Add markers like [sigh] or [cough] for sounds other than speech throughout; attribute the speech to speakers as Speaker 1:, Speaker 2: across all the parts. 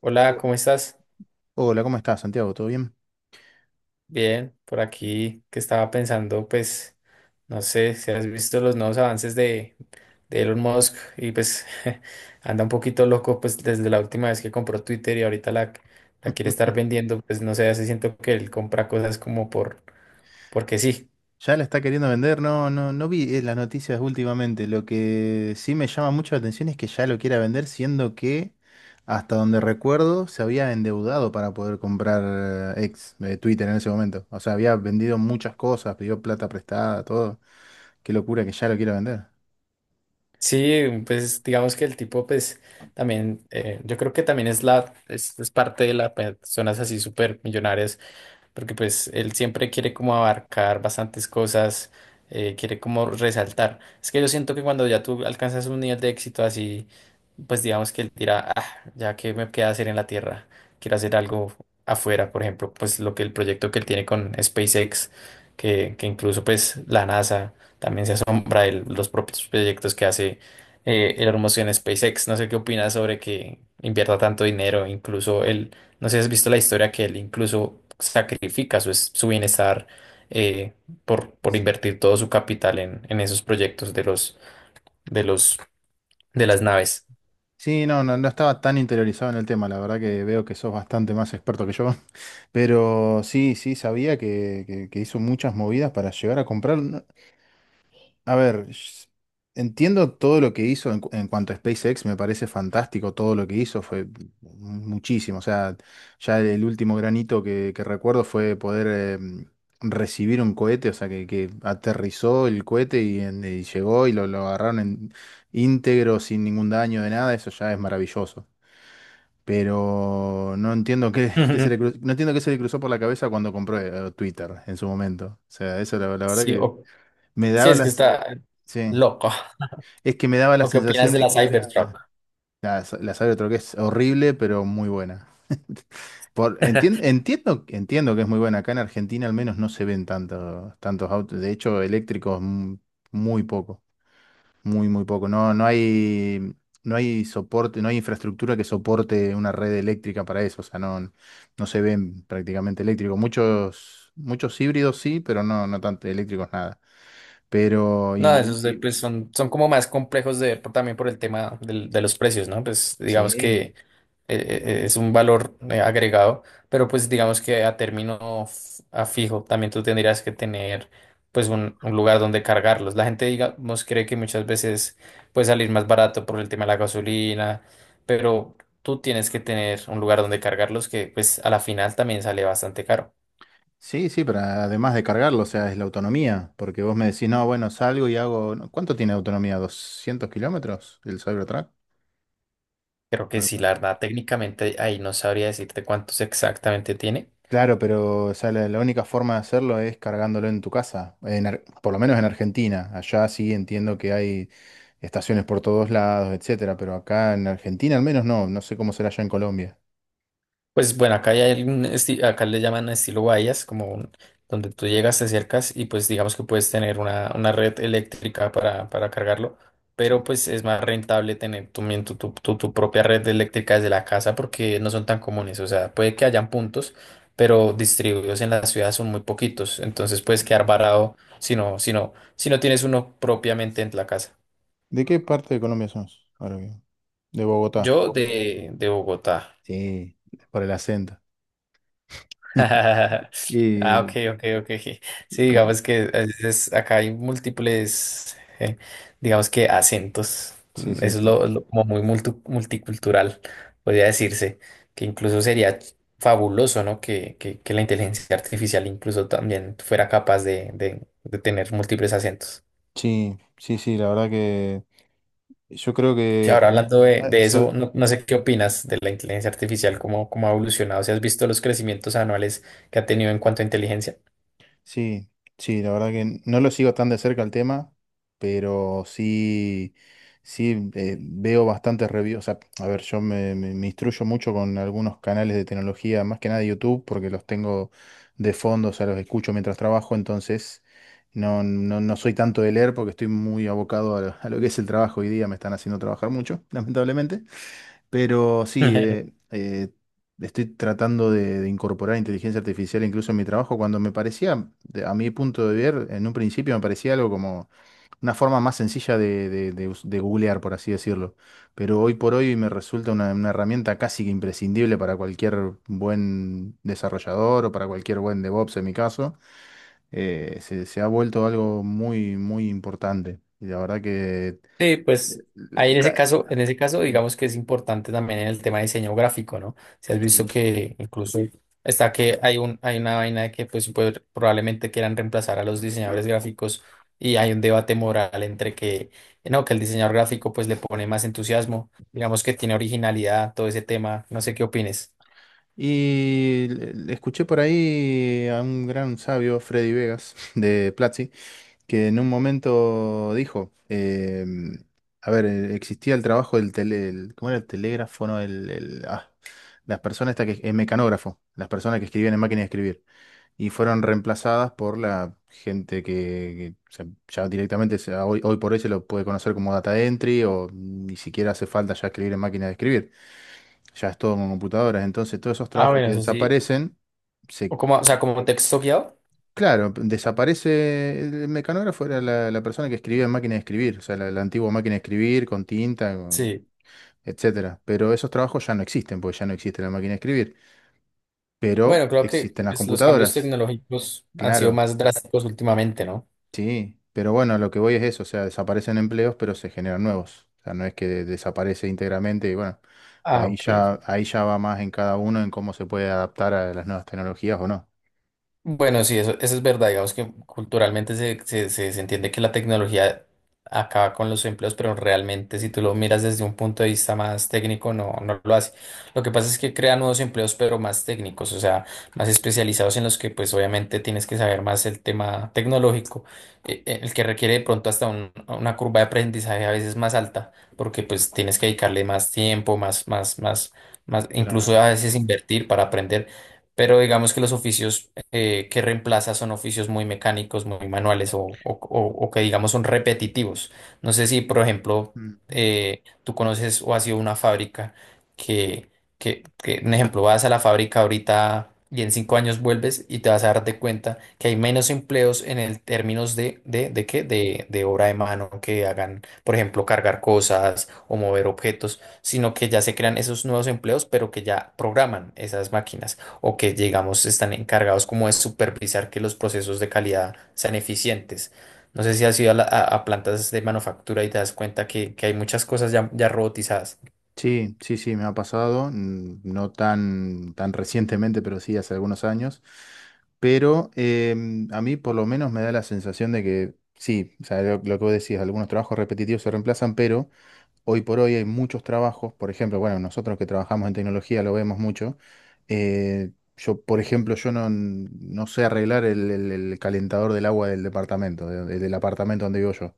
Speaker 1: Hola,
Speaker 2: Bu-
Speaker 1: ¿cómo estás?
Speaker 2: Hola, ¿cómo estás, Santiago? ¿Todo bien?
Speaker 1: Bien, por aquí que estaba pensando, pues, no sé si has visto los nuevos avances de Elon Musk y pues [laughs] anda un poquito loco, pues desde la última vez que compró Twitter y ahorita la quiere estar
Speaker 2: [laughs]
Speaker 1: vendiendo, pues no sé, hace siento que él compra cosas como porque sí.
Speaker 2: Ya la está queriendo vender, no vi las noticias últimamente. Lo que sí me llama mucho la atención es que ya lo quiera vender, siendo que hasta donde recuerdo, se había endeudado para poder comprar ex Twitter en ese momento. O sea, había vendido muchas cosas, pidió plata prestada, todo. Qué locura que ya lo quiera vender.
Speaker 1: Sí, pues digamos que el tipo, pues también, yo creo que también es parte de las personas así súper millonarias porque pues él siempre quiere como abarcar bastantes cosas, quiere como resaltar. Es que yo siento que cuando ya tú alcanzas un nivel de éxito así, pues digamos que él dirá, ah, ya que me queda hacer en la Tierra, quiero hacer algo afuera, por ejemplo, pues lo que el proyecto que él tiene con SpaceX, que incluso pues la NASA también se asombra de los propios proyectos que hace el hermoso en SpaceX. No sé qué opinas sobre que invierta tanto dinero, incluso él no sé si has visto la historia que él incluso sacrifica su bienestar eh, por invertir todo su capital en esos proyectos de los, de las naves.
Speaker 2: Sí, no, no, no estaba tan interiorizado en el tema, la verdad que veo que sos bastante más experto que yo, [laughs] pero sí, sí, sabía que hizo muchas movidas para llegar a comprar. No, a ver, entiendo todo lo que hizo en, en cuanto a SpaceX, me parece fantástico todo lo que hizo, fue muchísimo. O sea, ya el último granito que recuerdo fue poder eh, recibir un cohete, o sea, que aterrizó el cohete y, y llegó y lo agarraron íntegro, sin ningún daño de nada, eso ya es maravilloso. Pero no entiendo qué se le
Speaker 1: Ujú.
Speaker 2: cru- no entiendo qué se le cruzó por la cabeza cuando compró Twitter en su momento. O sea, eso la verdad
Speaker 1: Sí,
Speaker 2: que me
Speaker 1: sí,
Speaker 2: daba
Speaker 1: es que
Speaker 2: las.
Speaker 1: está
Speaker 2: Sí.
Speaker 1: loco.
Speaker 2: Es que me daba la
Speaker 1: ¿O qué opinas
Speaker 2: sensación
Speaker 1: de
Speaker 2: de
Speaker 1: la
Speaker 2: que era
Speaker 1: Cybertruck?
Speaker 2: la Sabre de otro que es horrible, pero muy buena. [laughs] Por,
Speaker 1: [laughs]
Speaker 2: entiendo, entiendo que es muy buena. Acá en Argentina al menos no se ven tantos autos. De hecho, eléctricos muy poco. Muy, muy poco. No hay soporte, no hay infraestructura que soporte una red eléctrica para eso. O sea, no, no se ven prácticamente eléctricos. Muchos, muchos híbridos sí, pero no, no tanto eléctricos nada. Pero
Speaker 1: No, esos
Speaker 2: y-
Speaker 1: pues son como más complejos también por el tema de los precios, ¿no? Pues digamos
Speaker 2: sí.
Speaker 1: que es un valor agregado, pero pues digamos que a fijo también tú tendrías que tener pues un lugar donde cargarlos. La gente digamos cree que muchas veces puede salir más barato por el tema de la gasolina, pero tú tienes que tener un lugar donde cargarlos que pues a la final también sale bastante caro.
Speaker 2: Sí, sí, pero además de cargarlo, o sea, es la autonomía, porque vos me decís, no, bueno, salgo y hago, no, ¿cuánto tiene autonomía? ¿200 kilómetros el Cybertruck?
Speaker 1: Creo que
Speaker 2: Algo
Speaker 1: sí,
Speaker 2: por
Speaker 1: la
Speaker 2: ahí.
Speaker 1: verdad, técnicamente ahí no sabría decirte cuántos exactamente tiene.
Speaker 2: Claro, pero o sea, la única forma de hacerlo es cargándolo en tu casa, en por lo menos en Argentina. Allá sí entiendo que hay estaciones por todos lados, etcétera, pero acá en Argentina al menos no, no sé cómo será allá en Colombia.
Speaker 1: Pues bueno, acá ya hay un acá le llaman estilo bahías, como donde tú llegas, te acercas y pues digamos que puedes tener una red eléctrica para cargarlo, pero pues es más rentable tener tu, mien- tu- tu propia red eléctrica desde la casa porque no son tan comunes, o sea, puede que hayan puntos, pero distribuidos en la ciudad son muy poquitos, entonces
Speaker 2: Mm.
Speaker 1: puedes quedar varado si no tienes uno propiamente en la casa.
Speaker 2: ¿De qué parte de Colombia sos? Ahora bien. De Bogotá.
Speaker 1: Yo de Bogotá.
Speaker 2: Sí, por el acento. [laughs]
Speaker 1: [laughs] Ah, ok,
Speaker 2: Y,
Speaker 1: ok, ok. Sí,
Speaker 2: com-
Speaker 1: digamos que a veces acá hay múltiples, digamos que acentos.
Speaker 2: sí, sí,
Speaker 1: Eso es
Speaker 2: sí.
Speaker 1: como muy multicultural, podría decirse, que incluso sería fabuloso, ¿no? Que la inteligencia artificial incluso también fuera capaz de tener múltiples acentos.
Speaker 2: Sí, sí, sí, la verdad que yo creo
Speaker 1: Sí,
Speaker 2: que
Speaker 1: ahora
Speaker 2: cuan-,
Speaker 1: hablando de,
Speaker 2: ah,
Speaker 1: de
Speaker 2: so-
Speaker 1: eso, no, no sé qué opinas de la inteligencia artificial, cómo ha evolucionado, si has visto los crecimientos anuales que ha tenido en cuanto a inteligencia.
Speaker 2: sí, sí, la verdad que no lo sigo tan de cerca el tema, pero sí, sí veo bastantes reviews. O sea, a ver, me instruyo mucho con algunos canales de tecnología, más que nada de YouTube, porque los tengo de fondo, o sea, los escucho mientras trabajo, entonces no, no, no soy tanto de leer porque estoy muy abocado a lo que es el trabajo hoy día, me están haciendo trabajar mucho, [laughs] lamentablemente. Pero sí,
Speaker 1: [laughs]
Speaker 2: estoy tratando de incorporar inteligencia artificial incluso en mi trabajo, cuando me parecía, a mi punto de ver, en un principio me parecía algo como una forma más sencilla de googlear, por así decirlo. Pero hoy por hoy me resulta una herramienta casi que imprescindible para cualquier buen desarrollador o para cualquier buen DevOps en mi caso. Se ha vuelto algo muy, muy importante. Y la verdad que
Speaker 1: Sí, pues
Speaker 2: eh,
Speaker 1: ahí
Speaker 2: eh,
Speaker 1: en ese
Speaker 2: ca-
Speaker 1: caso, en ese caso, digamos que es importante también el tema de diseño gráfico, ¿no? Si has visto
Speaker 2: sí.
Speaker 1: que incluso está que hay una vaina de que pues probablemente quieran reemplazar a los diseñadores gráficos y hay un debate moral entre que, no, que el diseñador gráfico pues le pone más entusiasmo, digamos que tiene originalidad, todo ese tema, no sé qué opines.
Speaker 2: Y le escuché por ahí a un gran sabio, Freddy Vegas, [laughs] de Platzi, que en un momento dijo, a ver, existía el trabajo ¿cómo era el telégrafo? No, las personas estas que, el mecanógrafo, las personas que escribían en máquina de escribir, y fueron reemplazadas por la gente o sea, ya directamente hoy, hoy por hoy se lo puede conocer como data entry o ni siquiera hace falta ya escribir en máquina de escribir, ya es todo con computadoras, entonces todos esos
Speaker 1: Ah,
Speaker 2: trabajos
Speaker 1: bueno,
Speaker 2: que
Speaker 1: eso sí.
Speaker 2: desaparecen, se,
Speaker 1: O como, o sea, como texto guiado.
Speaker 2: claro, desaparece el mecanógrafo, era la persona que escribía en máquina de escribir, o sea, la antigua máquina de escribir con tinta, con-
Speaker 1: Sí.
Speaker 2: etcétera. Pero esos trabajos ya no existen, porque ya no existe la máquina de escribir, pero
Speaker 1: Bueno, creo que
Speaker 2: existen las
Speaker 1: pues, los cambios
Speaker 2: computadoras,
Speaker 1: tecnológicos han sido
Speaker 2: claro,
Speaker 1: más drásticos últimamente, ¿no?
Speaker 2: sí. Pero bueno, lo que voy es eso, o sea, desaparecen empleos, pero se generan nuevos. O sea, no es que desaparece íntegramente y bueno,
Speaker 1: Ah, ok.
Speaker 2: ahí ya va más en cada uno en cómo se puede adaptar a las nuevas tecnologías o no.
Speaker 1: Bueno, sí, eso es verdad. Digamos que culturalmente se entiende que la tecnología acaba con los empleos, pero realmente si tú lo miras desde un punto de vista más técnico, no, no lo hace. Lo que pasa es que crea nuevos empleos, pero más técnicos, o sea, más especializados en los que pues obviamente tienes que saber más el tema tecnológico, el que requiere de pronto hasta una curva de aprendizaje a veces más alta, porque pues tienes que dedicarle más tiempo, incluso
Speaker 2: Claro.
Speaker 1: a veces invertir para aprender. Pero digamos que los oficios que reemplaza son oficios muy mecánicos, muy manuales o que digamos son repetitivos. No sé si, por ejemplo,
Speaker 2: Mm.
Speaker 1: tú conoces o has ido a una fábrica que, un ejemplo, vas a la fábrica ahorita y en 5 años vuelves y te vas a darte cuenta que hay menos empleos en el términos de obra de mano que hagan, por ejemplo, cargar cosas o mover objetos, sino que ya se crean esos nuevos empleos, pero que ya programan esas máquinas o que, digamos, están encargados como de supervisar que los procesos de calidad sean eficientes. No sé si has ido a plantas de manufactura y te das cuenta que hay muchas cosas ya, ya robotizadas.
Speaker 2: Sí, sí, sí, me ha pasado, mm, no tan, tan recientemente, pero sí hace algunos años. Pero a mí por lo menos me da la sensación de que sí, o sea, lo que vos decís, algunos trabajos repetitivos se reemplazan, pero hoy por hoy hay muchos trabajos, por ejemplo, bueno, nosotros que trabajamos en tecnología lo vemos mucho. Eh, yo, por ejemplo, yo no, no sé arreglar el calentador del agua del departamento, del apartamento donde vivo yo.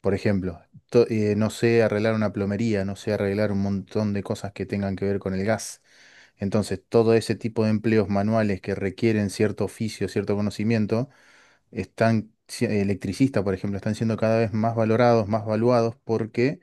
Speaker 2: Por ejemplo, no sé arreglar una plomería, no sé arreglar un montón de cosas que tengan que ver con el gas. Entonces, todo ese tipo de empleos manuales que requieren cierto oficio, cierto conocimiento, están, electricistas, por ejemplo, están siendo cada vez más valorados, más valuados, porque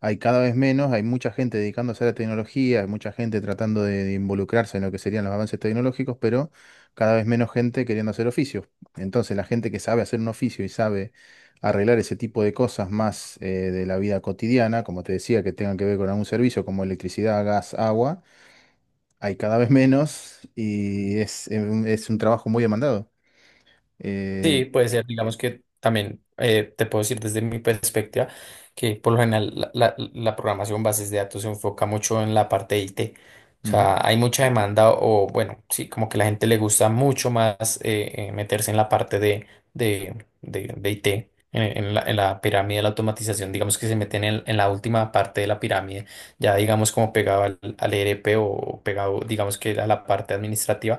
Speaker 2: hay cada vez menos, hay mucha gente dedicándose a la tecnología, hay mucha gente tratando de involucrarse en lo que serían los avances tecnológicos, pero cada vez menos gente queriendo hacer oficios. Entonces, la gente que sabe hacer un oficio y sabe arreglar ese tipo de cosas más de la vida cotidiana, como te decía, que tengan que ver con algún servicio como electricidad, gas, agua, hay cada vez menos y es un trabajo muy demandado. Eh,
Speaker 1: Sí, puede ser, digamos que también te puedo decir desde mi perspectiva que por lo general la programación bases de datos se enfoca mucho en la parte de IT. O
Speaker 2: ujú,
Speaker 1: sea, hay mucha demanda o bueno, sí, como que la gente le gusta mucho más meterse en la parte de, de IT, en la pirámide de la automatización, digamos que se meten en la última parte de la pirámide, ya digamos como pegado al ERP o pegado digamos que a la parte administrativa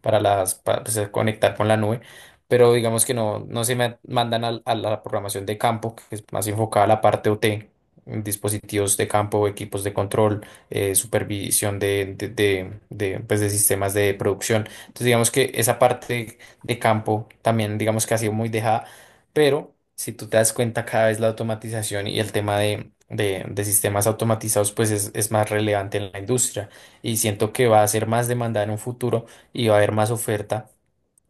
Speaker 1: para, pues, conectar con la nube pero digamos que no, no se me mandan la programación de campo, que es más enfocada a la parte OT, en dispositivos de campo, equipos de control, supervisión , pues, de sistemas de producción. Entonces, digamos que esa parte de campo también, digamos que ha sido muy dejada, pero si tú te das cuenta, cada vez la automatización y el tema de sistemas automatizados pues es más relevante en la industria y siento que va a ser más demandada en un futuro y va a haber más oferta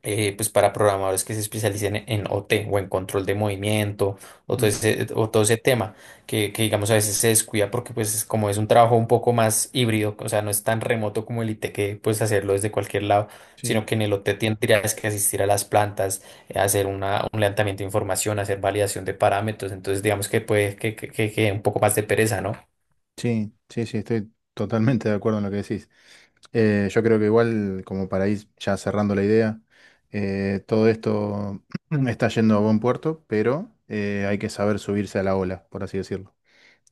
Speaker 1: pues para programadores que se especialicen en OT o en control de movimiento o todo
Speaker 2: ujú.
Speaker 1: ese, o todo ese tema digamos a veces se descuida porque pues es como es un trabajo un poco más híbrido, o sea, no es tan remoto como el IT que puedes hacerlo desde cualquier lado, sino
Speaker 2: Sí,
Speaker 1: que en el OT tendrías que asistir a las plantas, hacer un levantamiento de información, hacer validación de parámetros, entonces digamos que puede que quede un poco más de pereza, ¿no?
Speaker 2: sí, sí, sí, estoy totalmente de acuerdo en lo que decís. Yo creo que igual, como para ir ya cerrando la idea, todo esto [clears throat] está yendo a buen puerto, pero hay que saber subirse a la ola, por así decirlo.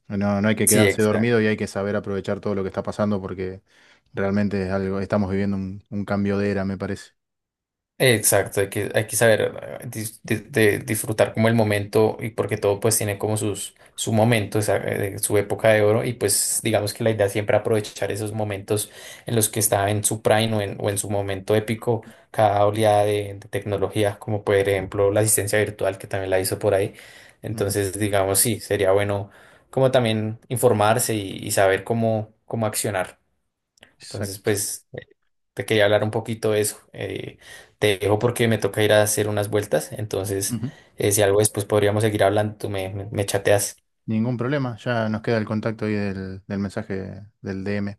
Speaker 2: No, no hay que
Speaker 1: Sí,
Speaker 2: quedarse dormido
Speaker 1: exacto.
Speaker 2: y hay que saber aprovechar todo lo que está pasando porque realmente es algo, estamos viviendo un cambio de era, me parece.
Speaker 1: Exacto, hay que saber dis- de disfrutar como el momento y porque todo pues tiene como su momento, su época de oro y pues digamos que la idea es siempre aprovechar esos momentos en los que está en su prime o en su momento épico cada oleada de tecnología, como por ejemplo la asistencia virtual que también la hizo por ahí.
Speaker 2: Ujú.
Speaker 1: Entonces digamos sí, sería bueno como también informarse y saber cómo accionar. Entonces
Speaker 2: Exacto.
Speaker 1: pues te quería hablar un poquito de eso. Te dejo porque me toca ir a hacer unas vueltas, entonces
Speaker 2: Ujú.
Speaker 1: si algo después podríamos seguir hablando, tú me chateas.
Speaker 2: Ningún problema, ya nos queda el contacto ahí del mensaje del DM.